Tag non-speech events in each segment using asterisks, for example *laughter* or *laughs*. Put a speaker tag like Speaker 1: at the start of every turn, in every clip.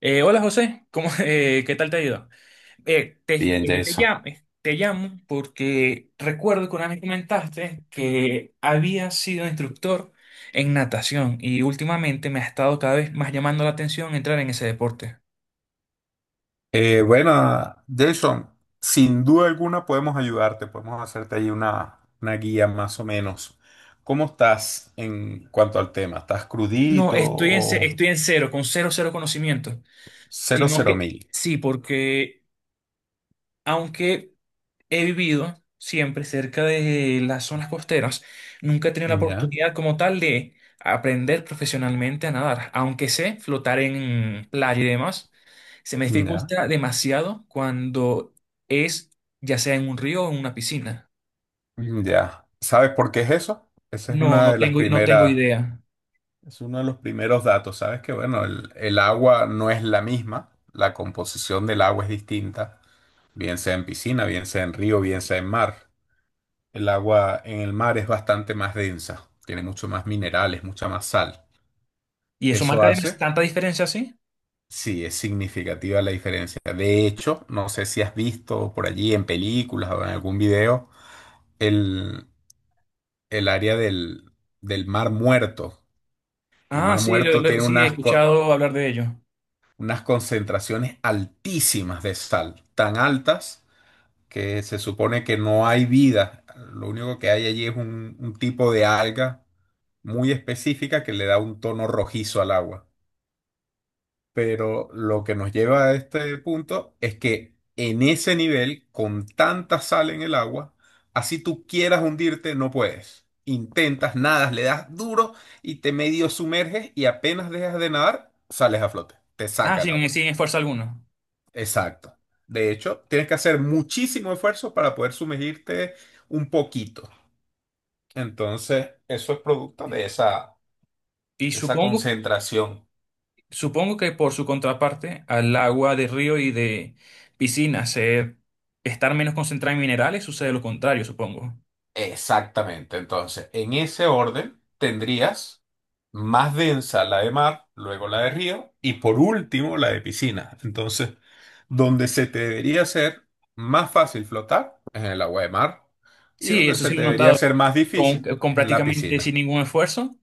Speaker 1: Hola José, ¿cómo, *laughs* qué tal te ha ido?
Speaker 2: Bien, Jason.
Speaker 1: Te llamo porque recuerdo que una vez comentaste que habías sido instructor en natación y últimamente me ha estado cada vez más llamando la atención entrar en ese deporte.
Speaker 2: Bueno, Jason, sin duda alguna podemos ayudarte, podemos hacerte ahí una guía más o menos. ¿Cómo estás en cuanto al tema? ¿Estás
Speaker 1: No,
Speaker 2: crudito o
Speaker 1: estoy en cero, con cero, cero conocimiento,
Speaker 2: cero
Speaker 1: sino
Speaker 2: cero
Speaker 1: que
Speaker 2: mil?
Speaker 1: sí, porque aunque he vivido siempre cerca de las zonas costeras. Nunca he tenido la
Speaker 2: Ya,
Speaker 1: oportunidad como tal de aprender profesionalmente a nadar, aunque sé flotar en playa y demás. Se me
Speaker 2: ya,
Speaker 1: dificulta demasiado cuando es Ya sea en un río o en una piscina,
Speaker 2: ya. ¿Sabes por qué es eso? Esa es
Speaker 1: No,
Speaker 2: una de las
Speaker 1: no tengo
Speaker 2: primeras,
Speaker 1: idea.
Speaker 2: es uno de los primeros datos. Sabes que, bueno, el agua no es la misma, la composición del agua es distinta, bien sea en piscina, bien sea en río, bien sea en mar. El agua en el mar es bastante más densa, tiene mucho más minerales, mucha más sal.
Speaker 1: ¿Y eso
Speaker 2: Eso
Speaker 1: marca
Speaker 2: hace,
Speaker 1: tanta diferencia así?
Speaker 2: sí, es significativa la diferencia. De hecho, no sé si has visto por allí en películas o en algún video el, el área del Mar Muerto. El
Speaker 1: Ah,
Speaker 2: Mar
Speaker 1: sí,
Speaker 2: Muerto tiene
Speaker 1: sí, he
Speaker 2: unas, co-
Speaker 1: escuchado hablar de ello.
Speaker 2: unas concentraciones altísimas de sal, tan altas que se supone que no hay vida. Lo único que hay allí es un tipo de alga muy específica que le da un tono rojizo al agua. Pero lo que nos lleva a este punto es que en ese nivel, con tanta sal en el agua, así tú quieras hundirte, no puedes. Intentas, nadas, le das duro y te medio sumerges y apenas dejas de nadar, sales a flote. Te
Speaker 1: Ah,
Speaker 2: saca
Speaker 1: sí,
Speaker 2: el agua.
Speaker 1: sí, en fuerza alguna.
Speaker 2: Exacto. De hecho, tienes que hacer muchísimo esfuerzo para poder sumergirte un poquito. Entonces, eso es producto
Speaker 1: Y
Speaker 2: de esa
Speaker 1: supongo
Speaker 2: concentración.
Speaker 1: Supongo que por su contraparte, al agua de río y de piscina ser, estar menos concentrada en minerales, sucede lo contrario, supongo.
Speaker 2: Exactamente. Entonces, en ese orden tendrías más densa la de mar, luego la de río y por último la de piscina. Entonces, donde se te debería hacer más fácil flotar es en el agua de mar y
Speaker 1: Sí,
Speaker 2: donde
Speaker 1: eso
Speaker 2: se
Speaker 1: sí lo
Speaker 2: te
Speaker 1: he
Speaker 2: debería
Speaker 1: notado.
Speaker 2: hacer más
Speaker 1: Con,
Speaker 2: difícil
Speaker 1: con
Speaker 2: en la
Speaker 1: prácticamente
Speaker 2: piscina.
Speaker 1: sin ningún esfuerzo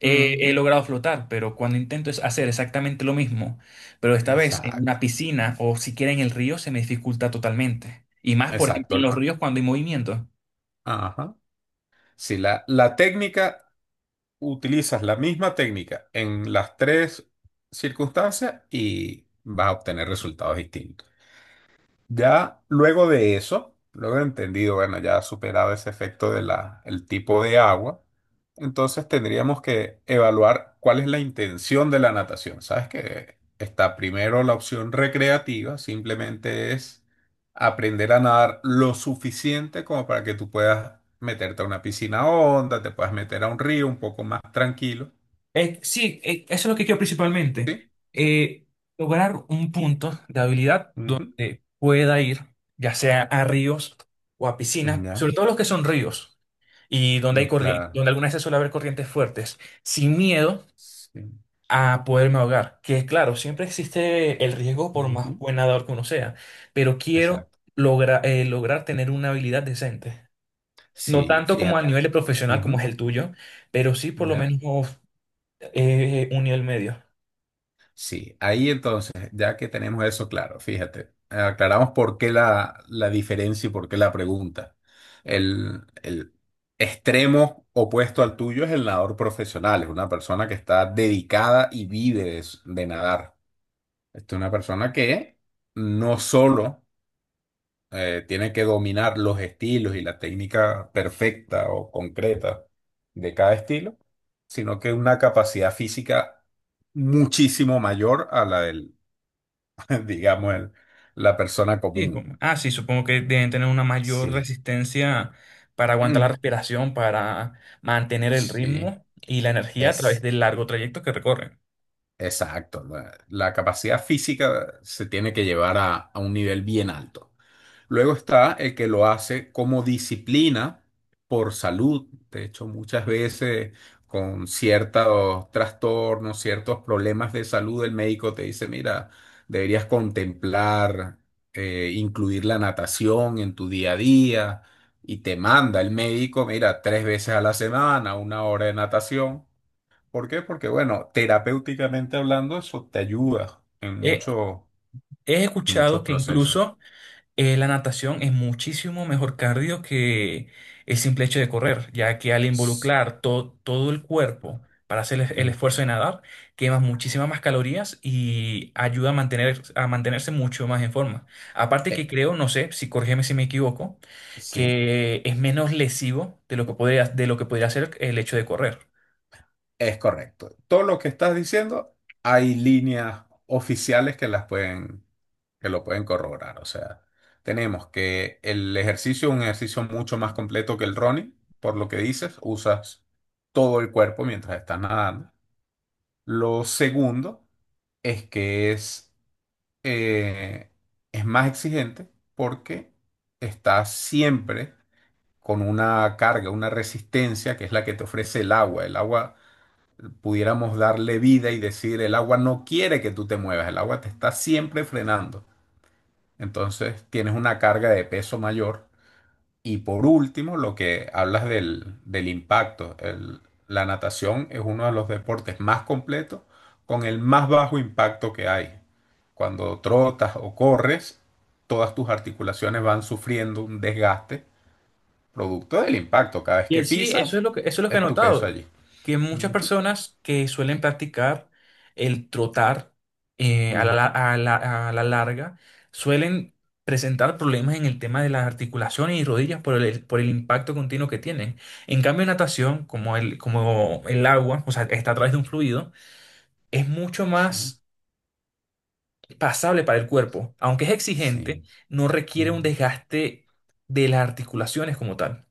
Speaker 1: he
Speaker 2: Ujú.
Speaker 1: logrado flotar, pero cuando intento es hacer exactamente lo mismo, pero esta vez en una
Speaker 2: Exacto,
Speaker 1: piscina o siquiera en el río se me dificulta totalmente. Y más, por ejemplo, en los
Speaker 2: exacto.
Speaker 1: ríos cuando hay movimiento.
Speaker 2: Ajá. Si la técnica, utilizas la misma técnica en las tres circunstancias y vas a obtener resultados distintos. Ya luego de eso, luego de entendido, bueno, ya superado ese efecto de la, el tipo de agua, entonces tendríamos que evaluar cuál es la intención de la natación. Sabes que está primero la opción recreativa, simplemente es aprender a nadar lo suficiente como para que tú puedas meterte a una piscina honda, te puedas meter a un río un poco más tranquilo,
Speaker 1: Sí, Eso es lo que quiero principalmente.
Speaker 2: ¿sí?
Speaker 1: Eh, Lograr un punto de habilidad
Speaker 2: Ujú.
Speaker 1: donde pueda ir, ya sea a ríos o a piscinas, sobre
Speaker 2: Ya,
Speaker 1: todo los que son ríos y donde hay
Speaker 2: mm,
Speaker 1: corriente,
Speaker 2: claro.
Speaker 1: donde algunas veces suele haber corrientes fuertes, sin miedo
Speaker 2: Sí.
Speaker 1: a poderme ahogar. Que claro, siempre existe el riesgo por
Speaker 2: Ujú.
Speaker 1: más buen nadador que uno sea, pero quiero
Speaker 2: Exacto.
Speaker 1: lograr tener una habilidad decente. No
Speaker 2: Sí,
Speaker 1: tanto como al
Speaker 2: fíjate.
Speaker 1: nivel de profesional como es
Speaker 2: Ujú.
Speaker 1: el tuyo, pero sí por lo
Speaker 2: ¿Ya?
Speaker 1: menos un nivel medio.
Speaker 2: Sí, ahí entonces, ya que tenemos eso claro, fíjate, aclaramos por qué la diferencia y por qué la pregunta. El extremo opuesto al tuyo es el nadador profesional, es una persona que está dedicada y vive de nadar. Esta es una persona que no solo tiene que dominar los estilos y la técnica perfecta o concreta de cada estilo, sino que una capacidad física muchísimo mayor a la del, *laughs* digamos, la persona
Speaker 1: Sí,
Speaker 2: común.
Speaker 1: sí, supongo que deben tener una mayor
Speaker 2: Sí.
Speaker 1: resistencia para aguantar la
Speaker 2: Mm,
Speaker 1: respiración, para mantener el
Speaker 2: sí,
Speaker 1: ritmo y la energía a través
Speaker 2: es.
Speaker 1: del largo trayecto que recorren.
Speaker 2: Exacto, la capacidad física se tiene que llevar a un nivel bien alto. Luego está el que lo hace como disciplina por salud. De hecho, muchas veces con ciertos trastornos, ciertos problemas de salud, el médico te dice, mira, deberías contemplar, incluir la natación en tu día a día y te manda el médico, mira, 3 veces a la semana, 1 hora de natación. ¿Por qué? Porque, bueno, terapéuticamente hablando, eso te ayuda en
Speaker 1: He,
Speaker 2: muchos
Speaker 1: he
Speaker 2: muchos
Speaker 1: escuchado que
Speaker 2: procesos.
Speaker 1: incluso la natación es muchísimo mejor cardio que el simple hecho de correr, ya que al
Speaker 2: S-
Speaker 1: involucrar todo el cuerpo para hacer el
Speaker 2: Ujú.
Speaker 1: esfuerzo de nadar, quemas muchísimas más calorías y ayuda a a mantenerse mucho más en forma. Aparte
Speaker 2: Eh,
Speaker 1: que creo, no sé, corrígeme si me equivoco,
Speaker 2: sí,
Speaker 1: que es menos lesivo de de lo que podría ser el hecho de correr.
Speaker 2: es correcto. Todo lo que estás diciendo, hay líneas oficiales que las pueden, que lo pueden corroborar. O sea, tenemos que el ejercicio es un ejercicio mucho más completo que el running, por lo que dices, usas todo el cuerpo mientras estás nadando. Lo segundo es que eh, es más exigente porque estás siempre con una carga, una resistencia que es la que te ofrece el agua. El agua pudiéramos darle vida y decir, el agua no quiere que tú te muevas, el agua te está siempre frenando. Entonces tienes una carga de peso mayor y por último, lo que hablas del impacto. La natación es uno de los deportes más completos con el más bajo impacto que hay. Cuando trotas o corres, todas tus articulaciones van sufriendo un desgaste producto del impacto. Cada vez que
Speaker 1: Eso
Speaker 2: pisas,
Speaker 1: es lo eso es lo que he
Speaker 2: es tu peso
Speaker 1: notado,
Speaker 2: allí.
Speaker 1: que muchas
Speaker 2: Ujú,
Speaker 1: personas que suelen practicar el trotar a la, la-
Speaker 2: ujú.
Speaker 1: a la- a la larga suelen presentar problemas en el tema de las articulaciones y rodillas por por el impacto continuo que tienen. En cambio, natación, como como el agua, o sea, está a través de un fluido, es mucho
Speaker 2: Sí,
Speaker 1: más pasable para el cuerpo. Aunque es exigente,
Speaker 2: sí.
Speaker 1: no requiere un
Speaker 2: Ujú.
Speaker 1: desgaste de las articulaciones como tal.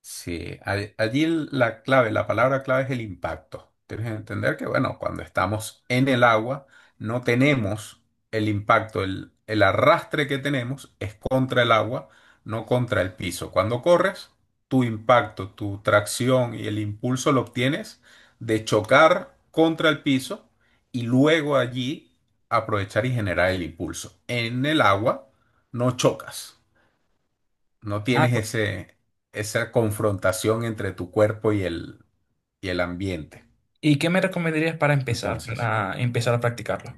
Speaker 2: Sí, allí la clave, la palabra clave es el impacto. Tienes que entender que, bueno, cuando estamos en el agua, no tenemos el impacto, el arrastre que tenemos es contra el agua, no contra el piso. Cuando corres, tu impacto, tu tracción y el impulso lo obtienes de chocar contra el piso y luego allí aprovechar y generar el impulso. En el agua no chocas. No tienes ese, esa confrontación entre tu cuerpo y el ambiente.
Speaker 1: ¿Y qué me recomendarías
Speaker 2: Entonces,
Speaker 1: para empezar a practicarlo?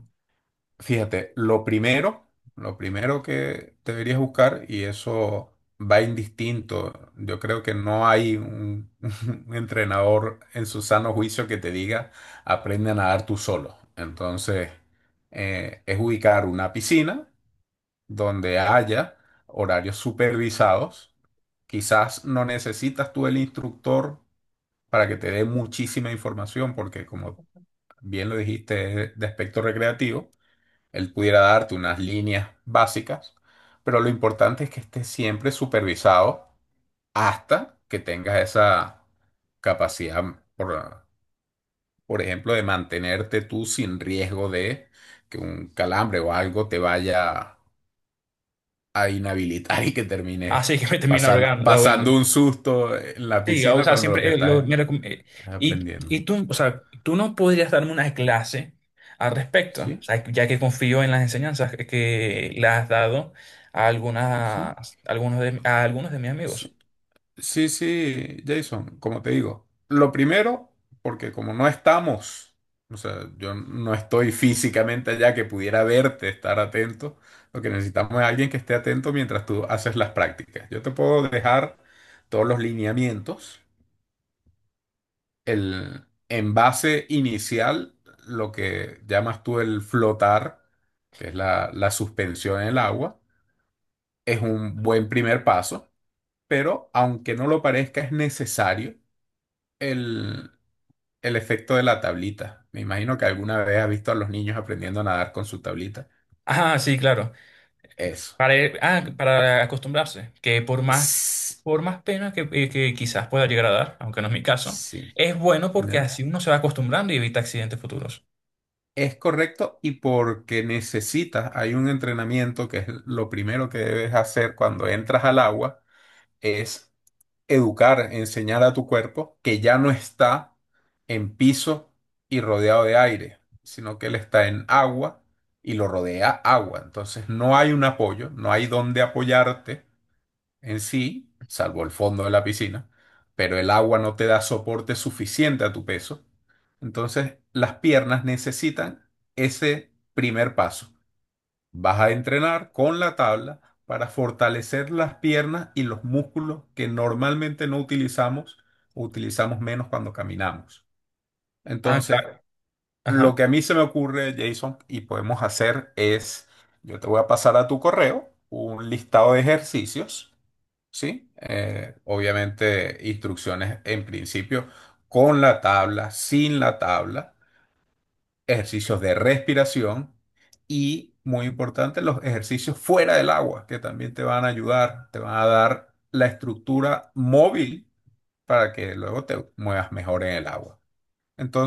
Speaker 2: fíjate, lo primero que deberías buscar, y eso va indistinto, yo creo que no hay un, *laughs* un entrenador en su sano juicio que te diga, aprende a nadar tú solo. Entonces, es ubicar una piscina donde haya horarios supervisados. Quizás no necesitas tú el instructor para que te dé muchísima información, porque como bien lo dijiste, es de aspecto recreativo, él pudiera darte unas líneas básicas, pero lo importante es que estés siempre supervisado hasta que tengas esa capacidad, por, por ejemplo, de mantenerte tú sin riesgo de que un calambre o algo te vaya a inhabilitar *laughs* y que
Speaker 1: Ah,
Speaker 2: termines
Speaker 1: sí, *laughs* que me termina
Speaker 2: pasan-
Speaker 1: ahogando. ahogando.
Speaker 2: pasando un susto en la
Speaker 1: Sí, o
Speaker 2: piscina
Speaker 1: sea,
Speaker 2: cuando lo que
Speaker 1: siempre
Speaker 2: estás es- estás
Speaker 1: y
Speaker 2: aprendiendo.
Speaker 1: tú, o sea, tú no podrías darme una clase al respecto, o
Speaker 2: ¿Sí?
Speaker 1: sea, ya que confío en las enseñanzas que le has dado a
Speaker 2: ¿Sí?
Speaker 1: a algunos de mis amigos.
Speaker 2: Sí, sí, sí, Jason, como te digo, lo primero, porque como no estamos, o sea, yo no estoy físicamente allá que pudiera verte, estar atento, lo que necesitamos es alguien que esté atento mientras tú haces las prácticas. Yo te puedo dejar todos los lineamientos, el envase inicial, lo que llamas tú el flotar, que es la suspensión en el agua, es un buen primer paso, pero aunque no lo parezca, es necesario el, el efecto de la tablita. Me imagino que alguna vez has visto a los niños aprendiendo a nadar con su tablita.
Speaker 1: Ah, sí, claro.
Speaker 2: Eso.
Speaker 1: Para acostumbrarse,
Speaker 2: S-
Speaker 1: por más pena que quizás pueda llegar a dar, aunque no es mi caso,
Speaker 2: Sí.
Speaker 1: es bueno porque
Speaker 2: ¿Ya?
Speaker 1: así uno se va acostumbrando y evita accidentes futuros.
Speaker 2: Es correcto y porque necesitas, hay un entrenamiento que es lo primero que debes hacer cuando entras al agua, es educar, enseñar a tu cuerpo que ya no está en piso y rodeado de aire, sino que él está en agua y lo rodea agua. Entonces no hay un apoyo, no hay dónde apoyarte en sí, salvo el fondo de la piscina, pero el agua no te da soporte suficiente a tu peso. Entonces las piernas necesitan ese primer paso. Vas a entrenar con la tabla para fortalecer las piernas y los músculos que normalmente no utilizamos o utilizamos menos cuando caminamos.
Speaker 1: Ah,
Speaker 2: Entonces,
Speaker 1: claro. Ajá.
Speaker 2: lo que a mí se me ocurre, Jason, y podemos hacer es, yo te voy a pasar a tu correo un listado de ejercicios, ¿sí? Obviamente, instrucciones en principio con la tabla, sin la tabla ejercicios de respiración y, muy importante, los ejercicios fuera del agua, que también te van a ayudar, te van a dar la estructura móvil para que luego te muevas mejor en el agua.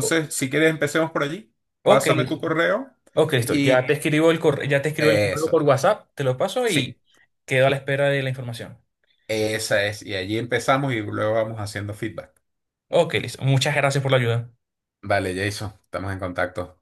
Speaker 1: O-
Speaker 2: si quieres, empecemos por allí.
Speaker 1: Ok,
Speaker 2: Pásame
Speaker 1: listo.
Speaker 2: tu correo
Speaker 1: Ok, listo. Ya te
Speaker 2: y
Speaker 1: ya te escribo el correo por
Speaker 2: eso,
Speaker 1: WhatsApp, te lo paso
Speaker 2: sí,
Speaker 1: y quedo a la espera de la información.
Speaker 2: esa es. Y allí empezamos y luego vamos haciendo feedback.
Speaker 1: Ok, listo. Muchas gracias por la ayuda.
Speaker 2: Vale, Jason, estamos en contacto.